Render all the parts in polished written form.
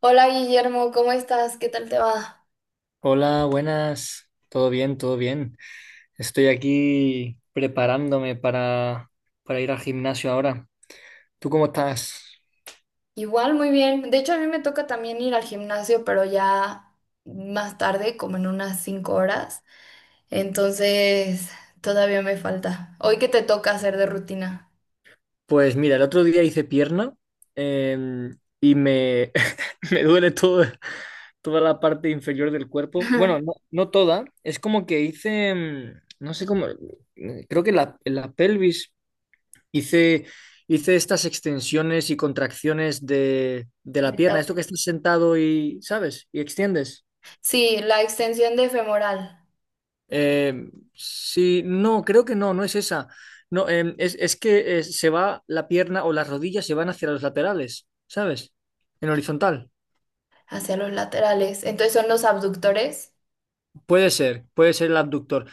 Hola Guillermo, ¿cómo estás? ¿Qué tal te va? Hola, buenas. Todo bien, todo bien. Estoy aquí preparándome para ir al gimnasio ahora. ¿Tú cómo estás? Igual, muy bien. De hecho, a mí me toca también ir al gimnasio, pero ya más tarde, como en unas 5 horas. Entonces, todavía me falta. ¿Hoy qué te toca hacer de rutina? Pues mira, el otro día hice pierna y me duele todo, toda la parte inferior del cuerpo. Bueno, no, no toda. Es como que hice, no sé cómo, creo que en la pelvis hice, hice estas extensiones y contracciones de la De pierna. cada- Esto que estás sentado y, ¿sabes? Y extiendes. Sí, la extensión de femoral Sí, no, creo que no, no es esa. No, es que se va la pierna o las rodillas se van hacia los laterales, ¿sabes? En horizontal. hacia los laterales. Entonces, son los abductores. Puede ser el abductor.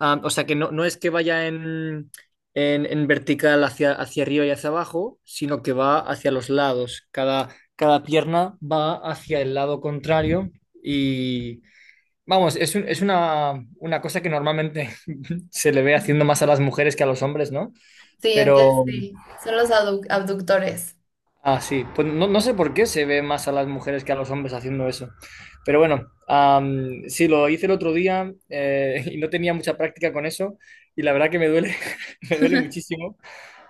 Ah, o sea que no, no es que vaya en vertical hacia arriba y hacia abajo, sino que va hacia los lados. Cada pierna va hacia el lado contrario y... Vamos, es una cosa que normalmente se le ve haciendo más a las mujeres que a los hombres, ¿no? Sí, entonces Pero, sí, son los abductores. Sí, pues no, no sé por qué se ve más a las mujeres que a los hombres haciendo eso. Pero bueno, sí, lo hice el otro día y no tenía mucha práctica con eso y la verdad que me duele, me duele muchísimo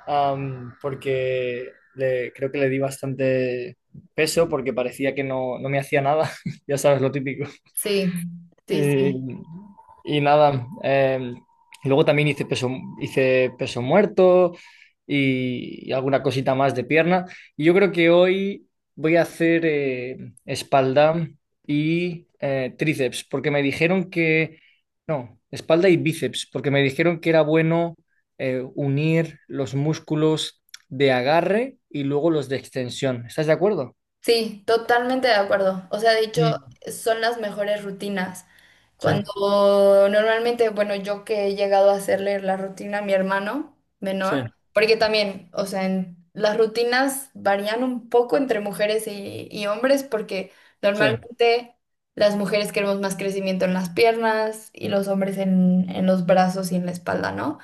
porque creo que le di bastante peso porque parecía que no, no me hacía nada, ya sabes, lo típico. Sí, sí, Eh, sí. y nada, y luego también hice peso muerto y alguna cosita más de pierna. Y yo creo que hoy voy a hacer espalda y tríceps, porque me dijeron que, no, espalda y bíceps, porque me dijeron que era bueno unir los músculos de agarre y luego los de extensión. ¿Estás de acuerdo? Sí, totalmente de acuerdo. O sea, de hecho, Mm, son las mejores rutinas. sí, Cuando normalmente, bueno, yo que he llegado a hacerle la rutina a mi hermano sí, menor, porque también, o sea, las rutinas varían un poco entre mujeres y hombres, porque sí. normalmente las mujeres queremos más crecimiento en las piernas y los hombres en los brazos y en la espalda, ¿no?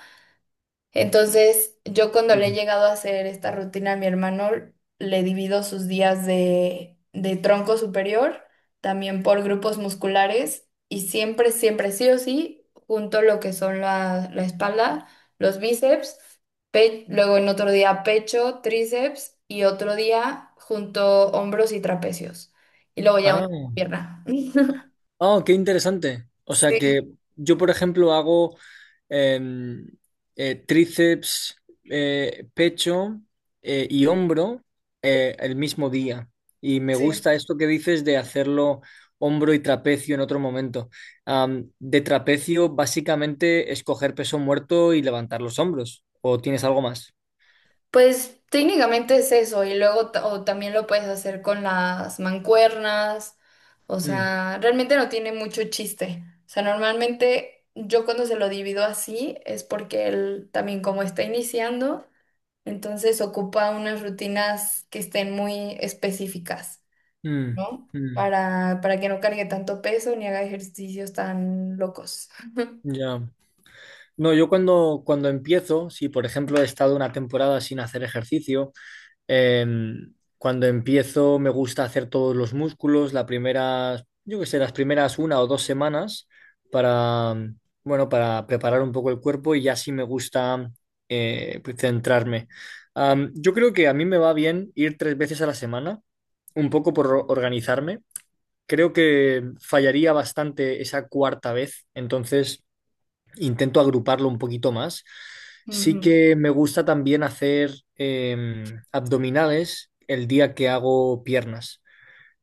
Entonces, yo cuando le he Mm. llegado a hacer esta rutina a mi hermano, le divido sus días de tronco superior, también por grupos musculares, y siempre, siempre, sí o sí, junto lo que son la espalda, los bíceps, luego en otro día pecho, tríceps, y otro día junto hombros y trapecios. Y luego ya una Ah. pierna. Oh, qué interesante. O sea que Sí, yo, por ejemplo, hago em, tríceps, pecho y hombro el mismo día. Y me sí. gusta esto que dices de hacerlo hombro y trapecio en otro momento. De trapecio, básicamente, escoger peso muerto y levantar los hombros. ¿O tienes algo más? Pues técnicamente es eso, y luego o también lo puedes hacer con las mancuernas, o Mm, sea, realmente no tiene mucho chiste. O sea, normalmente yo cuando se lo divido así es porque él también como está iniciando, entonces ocupa unas rutinas que estén muy específicas, mm, ¿no? mm, Para que no cargue tanto peso ni haga ejercicios tan locos. ya. No, yo cuando empiezo, si por ejemplo he estado una temporada sin hacer ejercicio. Cuando empiezo me gusta hacer todos los músculos, las primeras, yo qué sé, las primeras una o dos semanas para, mm, bueno, para preparar un poco el cuerpo, y ya sí me gusta pues, centrarme. Yo creo que a mí me va bien ir tres veces a la semana, un poco por organizarme. Creo que fallaría bastante esa cuarta vez, entonces intento agruparlo un poquito más. Sí Ujú. que me gusta también hacer abdominales el día que hago piernas.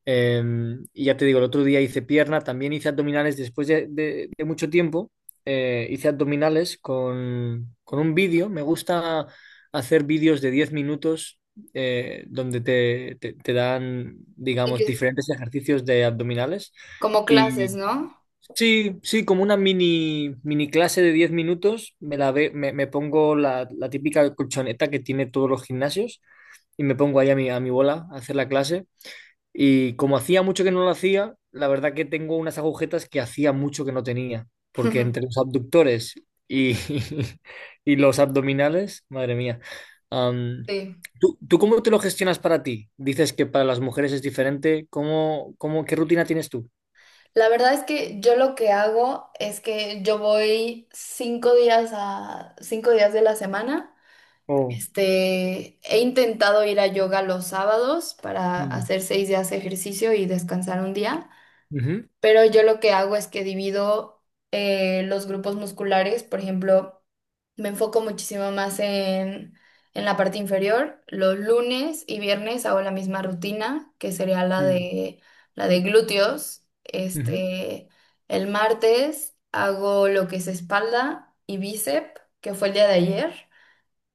Y ya te digo, el otro día hice pierna, también hice abdominales después de mucho tiempo. Hice abdominales con un vídeo. Me gusta hacer vídeos de 10 minutos donde te dan, Y digamos, que- diferentes ejercicios de abdominales. Como clases, ¿no? Sí, sí, como una mini clase de 10 minutos, me pongo la típica colchoneta que tiene todos los gimnasios y me pongo ahí a mi bola a hacer la clase. Y como hacía mucho que no lo hacía, la verdad que tengo unas agujetas que hacía mucho que no tenía, porque entre los abductores y, y los abdominales, madre mía. Am, Sí. ¿tú cómo te lo gestionas para ti? Dices que para las mujeres es diferente. ¿Qué rutina tienes tú? La verdad es que yo lo que hago es que yo voy 5 días a 5 días de la semana. Oh. Este, he intentado ir a yoga los sábados para Mm, hacer 6 días de ejercicio y descansar un día. ujú, Pero yo lo que hago es que divido los grupos musculares, por ejemplo, me enfoco muchísimo más en la parte inferior. Los lunes y viernes hago la misma rutina, que sería la mm. de, la de glúteos. Ujú, Este, el martes hago lo que es espalda y bíceps, que fue el día de ayer.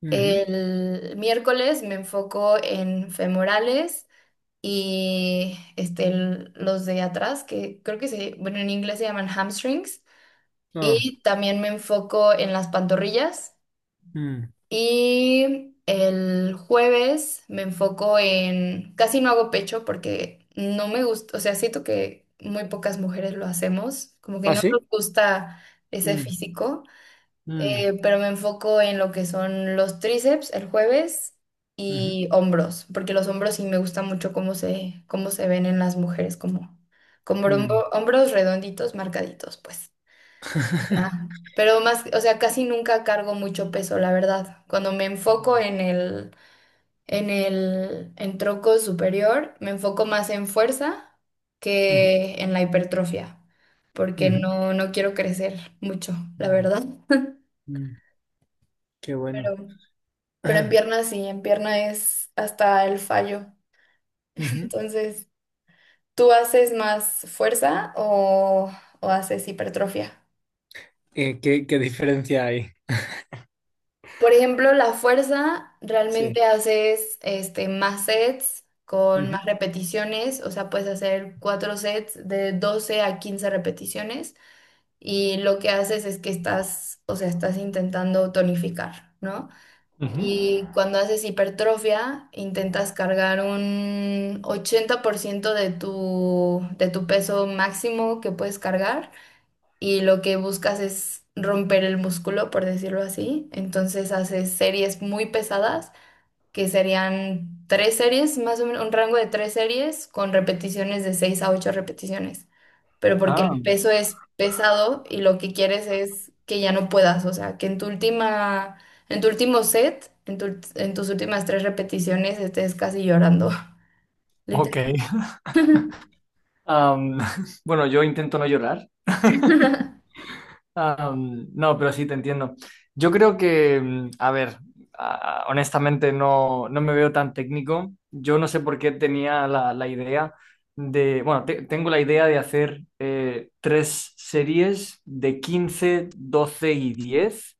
ujú. El miércoles me enfoco en femorales y este, los de atrás, que creo que se, bueno, en inglés se llaman hamstrings, Ah, y también me enfoco en las pantorrillas, mm. y el jueves me enfoco en, casi no hago pecho porque no me gusta, o sea, siento que muy pocas mujeres lo hacemos, como que ¿Ah, no sí? nos gusta ese Mm, físico mm, pero me enfoco en lo que son los tríceps el jueves ujú, y hombros, porque los hombros sí me gusta mucho cómo se ven en las mujeres, como, como mm. Hombros redonditos, marcaditos, pues. Ajá. Pero más, o sea, casi nunca cargo mucho peso, la verdad. Cuando me enfoco en tronco superior, me enfoco más en fuerza Ujú, que en la hipertrofia, porque ujú, no quiero crecer mucho, la mm, verdad. mm. Qué Pero bueno. Pero en Ah, pierna sí, en pierna es hasta el fallo. ujú. Entonces, ¿tú haces más fuerza o haces hipertrofia? ¿Qué diferencia hay? Por ejemplo, la fuerza Sí. realmente haces este, más sets con Ujú, más repeticiones, o sea, puedes hacer cuatro sets de 12 a 15 repeticiones y lo que haces es que estás, o sea, estás intentando tonificar, ¿no? ujú. Y cuando haces hipertrofia, intentas cargar un 80% de tu peso máximo que puedes cargar y lo que buscas es romper el músculo, por decirlo así. Entonces haces series muy pesadas, que serían tres series, más o menos un rango de tres series con repeticiones de 6 a 8 repeticiones pero porque Ah, el peso es pesado y lo que quieres es que ya no puedas, o sea, que en tu último set, en tus últimas tres repeticiones estés casi llorando, ok. literal. Am, bueno, yo intento no llorar. Ah, no, pero sí te entiendo. Yo creo que, a ver, honestamente no, no me veo tan técnico. Yo no sé por qué tenía la idea bueno, tengo la idea de hacer tres series de 15 12 y 10.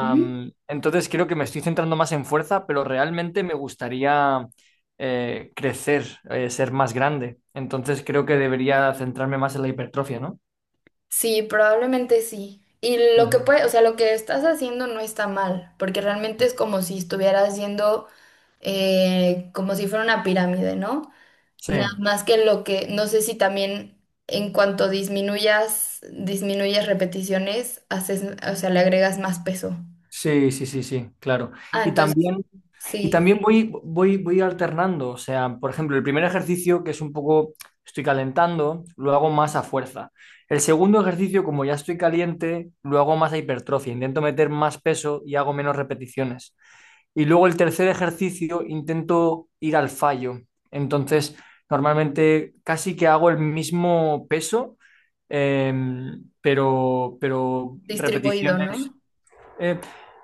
Ujú. Entonces creo que me estoy centrando más en fuerza, pero realmente me gustaría crecer, ser más grande. Entonces creo que debería centrarme más en la hipertrofia, ¿no? Sí, probablemente sí. Y lo que Ujú. puede, o sea, lo que estás haciendo no está mal, porque realmente es como si estuvieras yendo como si fuera una pirámide, ¿no? Sí. Nada más que lo que, no sé si también en cuanto disminuyas, disminuyes repeticiones, haces, o sea, le agregas más peso. Sí, sí, sí, sí, claro. Ah, Y entonces, también, y sí, también voy alternando. O sea, por ejemplo, el primer ejercicio, que es un poco, estoy calentando, lo hago más a fuerza. El segundo ejercicio, como ya estoy caliente, lo hago más a hipertrofia. Intento meter más peso y hago menos repeticiones. Y luego el tercer ejercicio, intento ir al fallo. Entonces, normalmente casi que hago el mismo peso, pero distribuido, repeticiones. ¿no? Eh,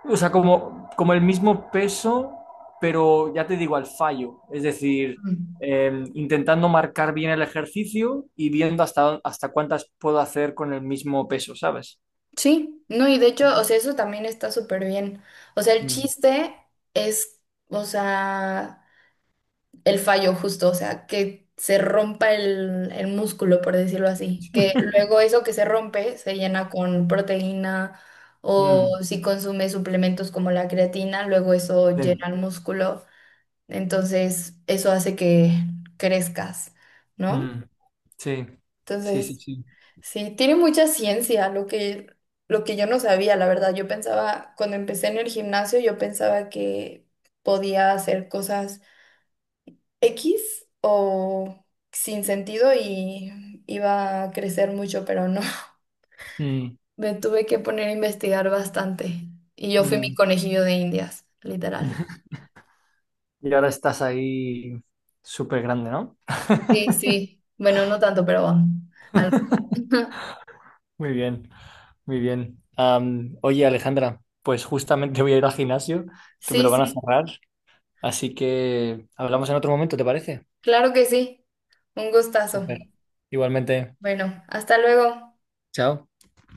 o sea, como el mismo peso, pero ya te digo, al fallo. Es decir, Mm. Intentando marcar bien el ejercicio y viendo hasta cuántas puedo hacer con el mismo peso, ¿sabes? Sí, no, y de hecho, o sea, eso también está súper bien. O sea, el Mm, chiste es, o sea, el fallo justo, o sea, que se rompa el músculo, por decirlo así, que luego eso que se rompe se llena con proteína o mm, si consume suplementos como la creatina, luego eso bien, llena el músculo, entonces eso hace que crezcas, ¿no? mm, sí, sí, sí, Entonces, sí. sí, tiene mucha ciencia lo que yo no sabía, la verdad, yo pensaba, cuando empecé en el gimnasio, yo pensaba que podía hacer cosas X o sin sentido y iba a crecer mucho, pero no. Mm, Me tuve que poner a investigar bastante y yo fui mi mm. conejillo de Indias, literal. Y ahora estás ahí súper grande, ¿no? Sí, sí. Bueno, no tanto, pero algo. Muy bien, muy bien. Oye, Alejandra, pues justamente voy a ir al gimnasio, que me Sí, lo van a sí, cerrar. Así que hablamos en otro momento, ¿te parece? claro que sí. Un gustazo. Súper. Igualmente, Bueno, hasta luego. chao.